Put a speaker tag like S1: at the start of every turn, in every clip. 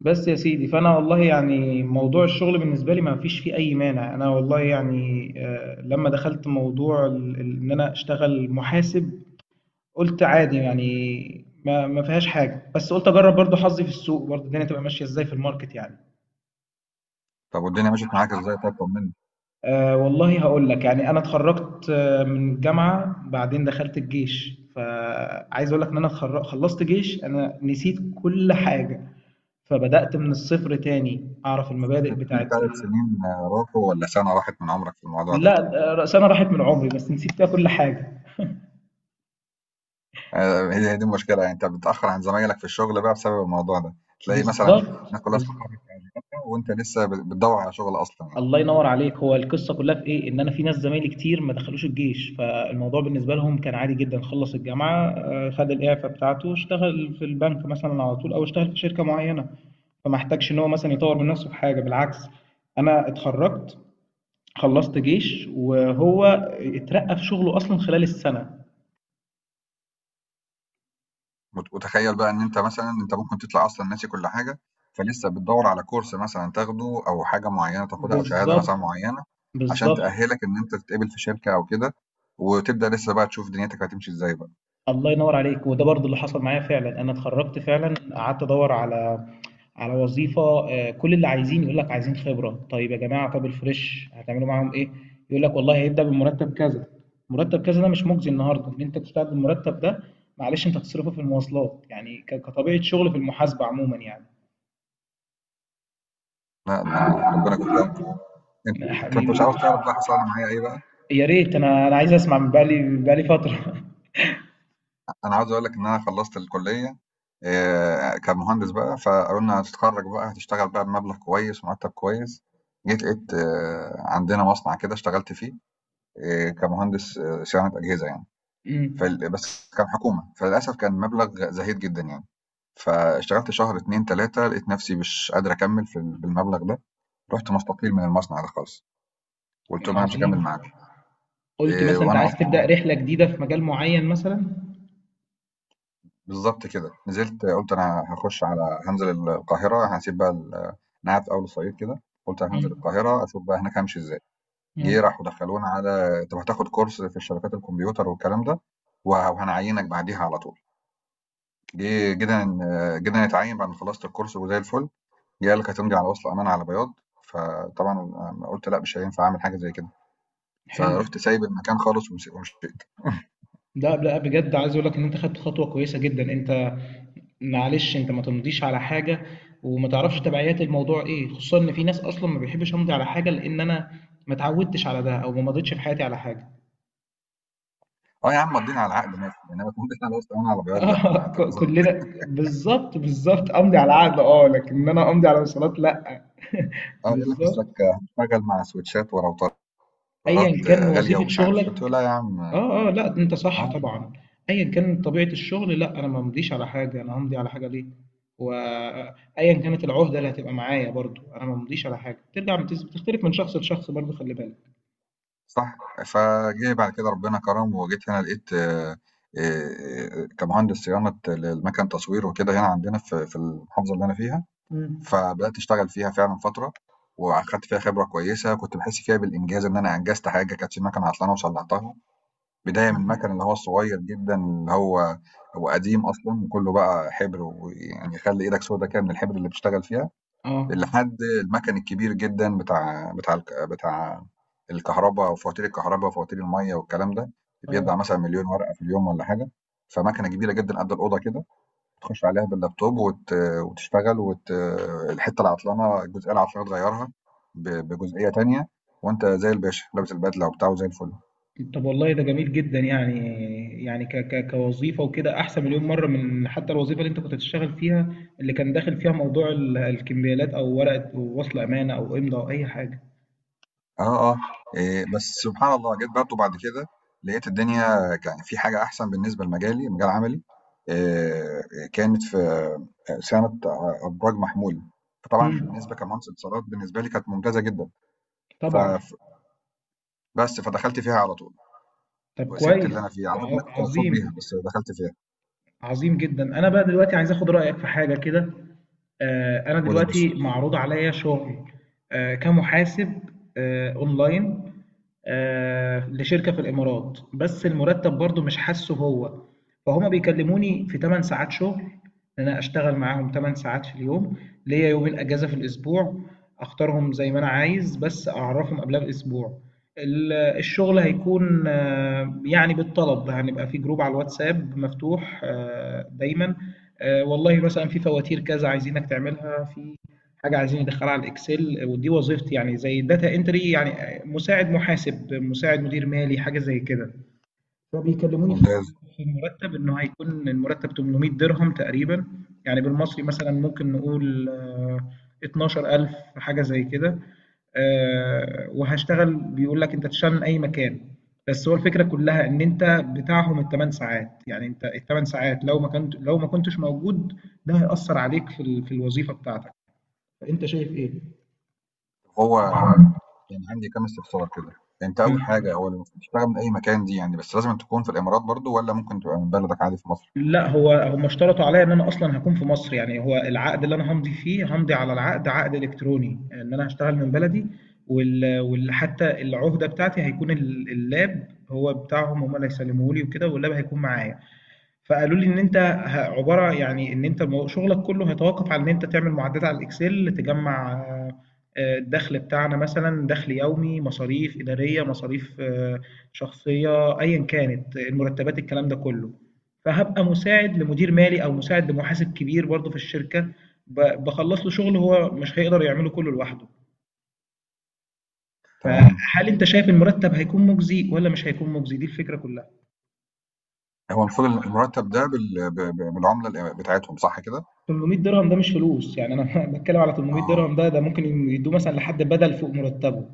S1: بس يا سيدي فانا والله يعني موضوع الشغل بالنسبه لي ما فيش فيه اي مانع. انا والله يعني لما دخلت موضوع ان انا اشتغل محاسب. قلت عادي يعني ما فيهاش حاجه، بس قلت اجرب برضو حظي في السوق، برضو الدنيا تبقى ماشيه ازاي في الماركت يعني.
S2: طب والدنيا مشيت معاك ازاي؟ طب طمني.
S1: أه والله هقول لك، يعني انا اتخرجت من الجامعه، بعدين دخلت الجيش، فعايز اقول لك ان انا خلصت جيش، انا نسيت كل حاجه. فبدأت من الصفر تاني أعرف المبادئ
S2: في
S1: بتاعت.
S2: 3 سنين راحوا ولا سنة راحت من عمرك في الموضوع ده؟
S1: لأ، ده رقصانة راحت من عمري، بس نسيت فيها كل حاجة.
S2: هي هي دي المشكلة، يعني انت بتتأخر عن زمايلك في الشغل بقى بسبب الموضوع ده. تلاقي مثلا
S1: بالضبط،
S2: الناس كلها
S1: بالض
S2: استقرت في وظيفتها وانت لسه بتدور على شغل اصلا يعني.
S1: الله ينوّر عليك، هو القصة كلّها في إيه، إن أنا في ناس زمايلي كتير ما دخلوش الجيش، فالموضوع بالنسبة لهم كان عادي جدًا، خلّص الجامعة، خد الإعفا بتاعته، اشتغل في البنك مثلًا على طول أو اشتغل في شركة معيّنة، فما احتاجش إن هو مثلًا يطوّر من نفسه في حاجة، بالعكس. أنا اتخرّجت، خلّصت جيش، وهو اترقّى في شغله أصلًا خلال السنة.
S2: وتخيل بقى ان انت مثلا انت ممكن تطلع اصلا ناسي كل حاجة، فلسه بتدور على كورس مثلا تاخده او حاجة معينة تاخدها او شهادة مثلا
S1: بالضبط،
S2: معينة عشان
S1: بالضبط.
S2: تأهلك ان انت تتقبل في شركة او كده، وتبدأ لسه بقى تشوف دنيتك هتمشي ازاي بقى.
S1: الله ينور عليك، وده برضه اللي حصل معايا فعلًا، أنا اتخرّجت فعلًا، قعدت أدوّر على وظيفة. كل اللي عايزين يقول لك عايزين خبرة، طيب يا جماعة، طَب الfresh هتعملوا معاهم إيه؟ يقول لك والله هيبدأ بمرتّب كذا، مرتّب كذا ده مش مُجزي النهارده، إن أنت تشتغل بالمرتّب ده. معلش أنت هتصرفه في المواصلات، يعني كطبيعة شُغل في المحاسبة عمومًا يعني.
S2: لا انا ربنا يكون في. انت
S1: يا
S2: انت
S1: حبيبي،
S2: مش عاوز تعرف بقى حصل لي معايا ايه بقى؟
S1: يا ريت، أنا عايز أسمع من بقى لي فترة.
S2: انا عاوز اقول لك ان انا خلصت الكليه كمهندس بقى، فقالوا لنا هتتخرج بقى هتشتغل بقى بمبلغ كويس، مرتب كويس. جيت لقيت عندنا مصنع كده اشتغلت فيه، كمهندس صيانه اجهزه يعني.
S1: إمم.
S2: بس كان حكومه فللاسف كان مبلغ زهيد جدا يعني. فاشتغلت شهر اتنين تلاته لقيت نفسي مش قادر اكمل في بالمبلغ ده. رحت مستقيل من المصنع ده خالص، قلت لهم انا مش
S1: عظيم.
S2: هكمل معاكم.
S1: قُلت
S2: إيه،
S1: مثلًا أنت
S2: وانا
S1: عايز
S2: اصلا
S1: تبدأ رحلة جديدة في مجال معيّن مثلًا؟
S2: بالضبط كده، نزلت، قُلت أنا هاخش على هانزل القاهرة، هاسيب بقى أنا قاعد في أول الصعيد كده، قُلت هانزل
S1: إمم.
S2: القاهرة أشوف بقى هناك هامشي إزاي. جه
S1: إمم.
S2: راحوا دخلونا على: "طَب هتاخد كورس في الشبكات الكمبيوتر والكلام ده وهنعيّنك بعديها على طول." جه جينا ن جينا نتعيّن بعد ما خلصت الكورس وزي الفُل، جه قال لك هتمضي على وصل أمانة على بياض. فطبعًا قُلت لأ، مش هينفع أعمل حاجة زي كده،
S1: حلو.
S2: فرُحت سايب المكان خالص ومشيت.
S1: لأ، لأ، بجد عايز أقول لك إن أنت خدت خطوة كويسة جدًا، أنت معلش أنت ما تمضيش على حاجة وما تعرفش تبعيات الموضوع إيه، خصوصًا إن في ناس أصلًا ما بيحبش أمضي على حاجة لإن أنا ما اتعودتش على ده أو ما مضيتش في حياتي على حاجة.
S2: آه يا عم، مضّينا على العقد ماشي، إنّما تمضي على وصل أمانة على بياض لأ، ما
S1: آه،
S2: هتبقى صعبة.
S1: كلنا بالضبط، بالضبط، أمضي على عقد، لكن إن أنا أمضي على وصيّات لأ.
S2: اه يقول لك اصلك
S1: بالضبط.
S2: هتشتغل مع سويتشات وراوترات
S1: أيًا كان
S2: غاليه
S1: وظيفة
S2: ومش عارف إيه. قلت له
S1: شغلك.
S2: لا يا عم.
S1: اه، اه، لا، انت صح
S2: اه
S1: طبعا. ايا كان طبيعة الشغل، لا، انا ما ممضيش على حاجة. انا همضي على حاجة ليه؟ وايا كانت العهدة اللي هتبقى معايا برضو، انا ما ممضيش على حاجة ترجع بتختلف من شخص لشخص، برضو خلي بالك.
S2: صح، فجه بعد كده ربنا كرم وجيت هنا لقيت آه، كمهندس صيانه للمكن تصوير وكده، هنا عندنا في المحافظه اللي انا فيها.
S1: مم.
S2: فبدات اشتغل فيها فعلا فتره، واخدت فيها خبره كويسه، كنت بحس فيها بالانجاز ان انا انجزت حاجه، كانت في مكنه عطلانه وصلحتها. بدايه من
S1: مم.
S2: المكن اللي هو الصغير جدا، اللي هو قديم اصلا وكله بقى حبر، ويعني يخلي ايدك سودا كده من الحبر اللي بتشتغل فيها،
S1: اه،
S2: لحد المكن الكبير جدًا بتاع الكهربا وفواتير الكهربا وفواتير المَيّة والكلام ده،
S1: اه.
S2: بيطبع مثلًا مليون ورقة في اليوم والّا حاجة. فمكنة كبيرة جدًا قد الأوضة كده، تخش عليها باللابتوب وتشتغل الحتة العطلانة الجزئية العطلانة تغيّرها بجزئية تانية، وأنت زي الباشا لابس البدلة وبتاع وزي الفل.
S1: طب والله ده جميل جدا يعني، يعني ك ك كوظيفة وكده احسن مليون مرة من حتى الوظيفة اللي انت كنت بتشتغل فيها، اللي كان داخل فيها موضوع الكمبيالات او ورقة وصل امانة او امضاء او اي حاجة.
S2: آه، آه، بس سبحان الله جيت برضه بعد كده لقيت الدنيا كان في حاجة أحسن بالنسبة لمجالي، مجال عملي، آآ كانت في صيانة أبراج محمول. فطبعًا
S1: مم.
S2: بالنسبة كمهندس اتصالات بالنسبة لي كانت ممتازة جدًا، ف
S1: طبعا.
S2: ف بس فدخلت فيها على طول،
S1: طب
S2: وسِبت اللي أنا
S1: كويس،
S2: فيه على قد ما أنا كنت مبسوط
S1: عظيم.
S2: بيها بس دخلت فيها.
S1: عظيم جدا. انا بقى دلوقتي عايز اخد رايك في حاجه كده. انا
S2: هو ده يا باشا.
S1: دلوقتي معروض عليا شغل كمحاسب، اونلاين، لشركه في الامارات، بس المرتب برضو مش حاسه هو. فهما بيكلموني في 8 ساعات شغل، ان انا اشتغل معاهم 8 ساعات في اليوم، ليا يومين اجازه في الاسبوع، اختارهم زي ما انا عايز، بس اعرفهم قبلها باسبوع. الشغل هيكون يعني بالطلب، هنبقى في جروب على الواتساب مفتوح دايما. والله مثلا في فواتير كذا عايزينك تعملها، في حاجة عايزين ندخلها على الاكسل. ودي وظيفتي يعني، زي داتا انتري يعني، مساعد محاسب، مساعد مدير مالي، حاجة زي كده. فبيكلموني في
S2: ممتاز.
S1: المرتب، انه هيكون المرتب 800 درهم تقريبا، يعني بالمصري مثلا ممكن نقول 12,000، حاجه زي كده. وهشتغل، بيقول لك انت تشتغل من اي مكان. بس هو الفكره كلها ان انت بتاعهم الثمان ساعات، يعني انت الثمان ساعات لو ما كنتش موجود، ده هيأثر عليك في الوظيفه بتاعتك. فانت شايف ايه؟
S2: هو كان عندي كام استفسار كده، أنت أول حاجة هو لمّا بتشتغل من أي مكان دي يعني بس لازمًا تكون في الإمارات برضه والّا ممكن تبقى من بلدك عادي في مصر؟
S1: لا، هو هم اشترطوا عليا ان انا اصلا هكون في مصر. يعني هو العقد اللي انا همضي على العقد، عقد الكتروني، ان انا هشتغل من بلدي. حتى العهده بتاعتي هيكون اللاب هو بتاعهم، هم اللي هيسلموه لي وكده، واللاب هيكون معايا. فقالوا لي ان انت عباره، يعني ان انت شغلك كله هيتوقف على ان انت تعمل معدات على الاكسل، تجمع الدخل بتاعنا مثلا، دخل يومي، مصاريف اداريه، مصاريف شخصيه، ايا كانت، المرتبات، الكلام ده كله. فهبقى مساعد لمدير مالي، او مساعد لمحاسب كبير برضه في الشركه، بخلص له شغل هو مش هيقدر يعمله كله لوحده.
S2: تمام.
S1: فهل انت شايف المرتب هيكون مجزي ولا مش هيكون مجزي؟ دي الفكره كلها.
S2: هو المفروض المرتب ده بال ب ب بالعملة بتاعتهم صح كده؟
S1: 800 درهم ده مش فلوس يعني، انا بتكلم على 800
S2: آه،
S1: درهم ده ممكن يدوه مثلا لحد بدل فوق مرتبه.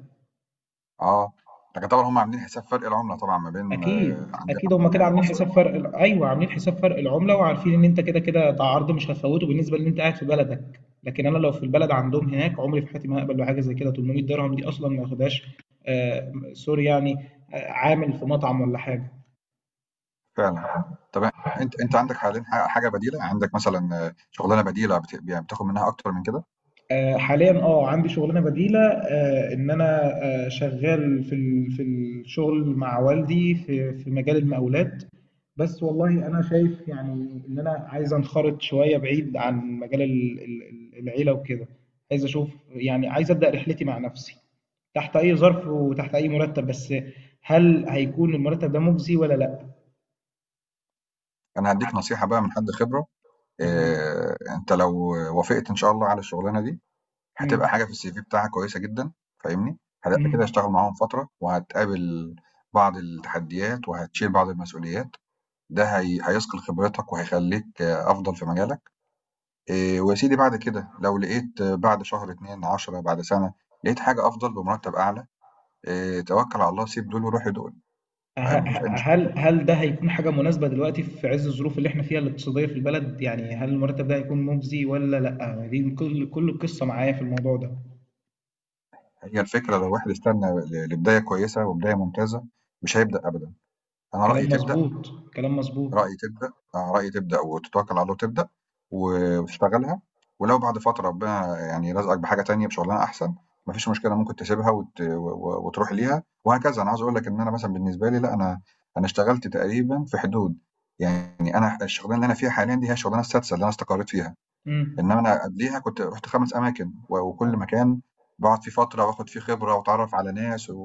S2: آه، لكن طبعًا هُم عاملين حساب فرق العملة طبعًا ما بين
S1: اكيد،
S2: عندنا
S1: اكيد. هم كده عاملين
S2: مصر
S1: حساب
S2: والإمارات
S1: فرق ايوه، عاملين حساب فرق العمله، وعارفين ان انت كده كده ده عرض مش هتفوته بالنسبه ان انت قاعد في بلدك. لكن انا لو في البلد عندهم هناك، عمري في حياتي ما هقبل بحاجه زي كده. 800 درهم دي اصلا ما ياخدهاش آه، سوري يعني، آه عامل في مطعم ولا حاجه.
S2: فعلًا. طب أنت عندك حاليًا حاجة بديلة، عندك مثلًا شغلانة بديلة يعني بتاخد منها أكتر من كده؟
S1: حاليا اه عندي شغلانه بديله، ان انا شغال في الشغل مع والدي، في مجال المقاولات. بس والله انا شايف يعني ان انا عايز انخرط شويه بعيد عن مجال العيله وكده. عايز اشوف يعني، عايز ابدا رحلتي مع نفسي، تحت اي ظرف وتحت اي مرتب، بس هل هيكون المرتب ده مجزي ولا لا؟
S2: أنا هادّيك نصيحة بقى من حد خبرة.
S1: تمام.
S2: أنت لو وافقت إن شاء الله على الشغلانة دي، هتبقى
S1: مم.
S2: حاجة في الCV بتاعك كويسة جدًا. فاهمني؟ هتبقى كده
S1: مم.
S2: هتشتغل معاهم فترة وهتقابل بعض التحديات وهتشيل بعض المسؤوليات. ده هي هيثقل خبرتك وهيخلّيك أفضل في مجالك. ويا سيدي بعد كده لو لقيت بعد شهر، 2، 10، بعد سَنة، لقيت حاجة أفضل بمرتب أعلى. توكّل على الله، سيب دول وروح لدول.
S1: ه-
S2: ما فيش
S1: ه-
S2: أي مشكلة.
S1: هل هل ده هيكون حاجة مناسبة دلوقتي في عز الظروف اللي احنا فيها الاقتصادية في البلد؟ يعني هل المرتب ده هيكون مجزي ولا لأ؟ دي كل القصة معايا في الموضوع ده.
S2: هي الفكرة لو واحد استنى لبداية كويسة وبداية ممتازة مش هيبدأ أبدًا. أنا رأيي
S1: كلام
S2: تبدأ
S1: مظبوط، كلام مظبوط.
S2: رأي تبدأ آه، رأي تبدأ وتتوكل على الله وتبدأ وتشتغلها، ولو بعد فترة ربنا يعني رزقك بحاجة تانية بشغلانة أحسن مفيش مشكلة ممكن تسيبها وتروح ليها وهكذا. أنا عاوز أقول لك إن أنا مثلا بالنسبة لي، لا، أنا اشتغلت تقريبا في حدود، يعني أنا الشغلانة اللي أنا فيها حاليا دي هي الشغلانة السادسة اللي أنا استقريت فيها.
S1: امم.
S2: إنما أنا قبليها كنت رحت 5 أماكن، وكل مكان بقعد فيه فترة وآخد فيه خبرة وأتعرف على ناس و...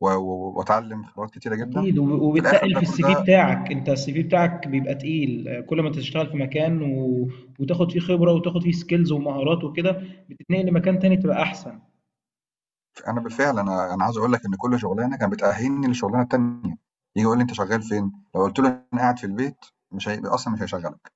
S2: و... و- وأتعلم خبرات كتيرة جدا
S1: اكيد.
S2: في الآخر
S1: وبتتقل
S2: ده
S1: في
S2: كل
S1: السي في
S2: ده.
S1: بتاعك. انت السي في بتاعك بيبقى تقيل، كل ما انت تشتغل في مكان وتاخد فيه خبرة وتاخد فيه سكيلز ومهارات وكده، بتتنقل لمكان تاني تبقى احسن.
S2: أنا بالفعل أنا عاوز أقول لك إن كل شغلانة كانت بتأهّلني للشغلانة التانية، ييجي يقول لي: "أنت شغّال فين؟" لو قُلت له: "أنا قاعد في البيت"، مش هي أصلًا مش هيشغّلك،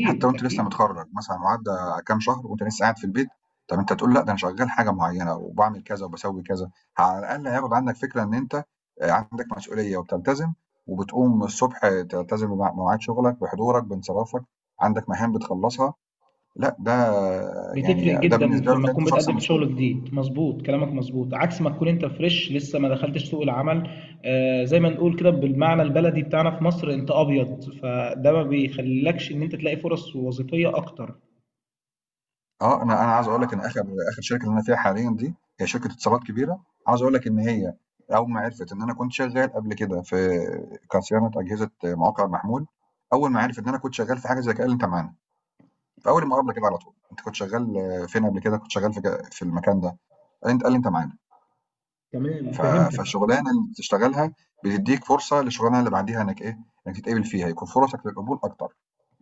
S2: حتى وأنت لسّه
S1: اكيد،
S2: متخرّج مثلًا وعدّى كام شهر وأنت لسّه قاعد في البيت. طَب أنت هتقول لأ، ده أنا شغّال حاجة معيّنة وباعمل كذا وباسوّي كذا، على الأقل هياخد عنّك فكرة إن أنت عندك مسؤولية وبتلتزم، وبتقوم الصبح تلتزم بمواعيد شغلك، بحضورك، بانصرافك، عندك مهام بتخلّصها. لأ ده
S1: بتفرق
S2: يعني ده
S1: جدا في
S2: بالنسبة له
S1: لما
S2: كده
S1: تكون
S2: أنت شخص
S1: بتقدم في
S2: مسؤول.
S1: شغل جديد. مظبوط كلامك مظبوط، عكس ما تكون انت فريش لسه ما دخلتش سوق العمل. آه، زي ما نقول كده بالمعنى البلدي بتاعنا في مصر انت ابيض، فده ما بيخليلكش ان انت تلاقي فرص وظيفية اكتر.
S2: أنا عاوز أقول لك إن آخر آخر شركة اللي أنا فيها حاليًا دي هي شركة اتصالات كبيرة، عاوز أقول لك إن هي أول ما عرفت إن أنا كنت شغال قبل كده كصيانة أجهزة مواقع محمول، أول ما عرفت إن أنا كنت شغال في حاجة زي كده قال لي: "أنت معانا." في أول المقابلة كده على طول: "أنت كنت شغال فين قبل كده؟" "كنت شغال في المكان ده." قال لي: "أنت"، قال لي: "أنت معانا."
S1: تمام،
S2: ف
S1: فهمتك.
S2: فالشغلانة اللي بتشتغلها بتدّيك فرصة للشغلانة اللي بعديها إنك إنك تتقبل فيها، يكون فرصك للقبول أكتر.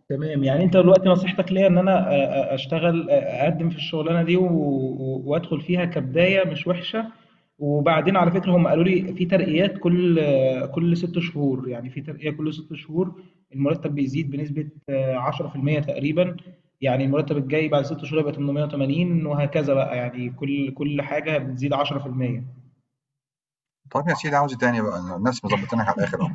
S1: تمام. يعني انت دلوقتي نصيحتك ليا ان انا اقدم في الشغلانه دي وادخل فيها كبدايه مش وحشه. وبعدين على فكره هم قالوا لي في ترقيات كل ست شهور، يعني في ترقيه كل ست شهور، المرتب بيزيد بنسبه 10% تقريبا. يعني المرتب الجاي بعد ست شهور يبقى 880 وهكذا بقى، يعني كل حاجه بتزيد 10%.
S2: طب يا سيدي عاوز إيه تاني بقى؟ الناس مضبطينك على الآخر أهو،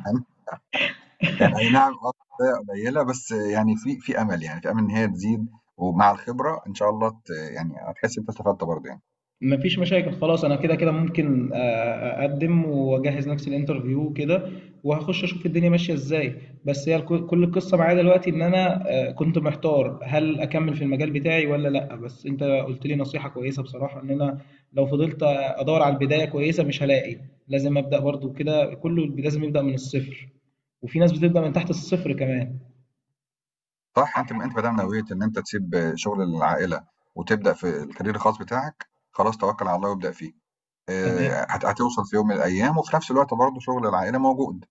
S2: يعني أي نعم. شوية قليلة، بس يعني في أمل يعني، في أمل إن هي تزيد ومع الخبرة إن شاء الله يعني هتحس إن أنت استفدت برضه يعني.
S1: مفيش مشاكل خلاص، انا كده كده ممكن اقدم واجهز نفسي الانترفيو كده، وهخش اشوف الدنيا ماشيه ازاي. بس هي كل القصه معايا دلوقتي ان انا كنت محتار هل اكمل في المجال بتاعي ولا لا. بس انت قلت لي نصيحه كويسه بصراحه، ان انا لو فضلت ادور على البدايه كويسه مش هلاقي. لازم ابدا برضو، كده كله لازم يبدا من الصفر، وفي ناس بتبدا من تحت الصفر كمان.
S2: صح، أنتِ ما دام نوّيت إن أنت تسيب شغل العائلة وتبدأ في الكارير الخاص بتاعك، خلاص توكّل على الله وابدأ فيه.
S1: تمام.
S2: هت هتوصل في يوم من الأيام وفي نفس الوقت برضه شغل العائلة موجود،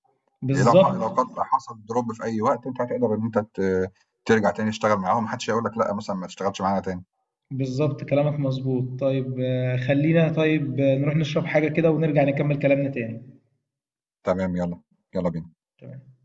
S2: لو
S1: بالظبط.
S2: قد حصل drop في أي وقت أنت هتقدر إن أنت ترجع تاني تشتغل معاهم، ما حدش هيقول لك لأ مثلًا ما تشتغلش معانا تاني.
S1: بالظبط كلامك مظبوط. طيب خلينا، طيب نروح نشرب حاجة كده، ونرجع نكمل كلامنا تاني.
S2: تمام يالّا، يالّا بينا.
S1: تمام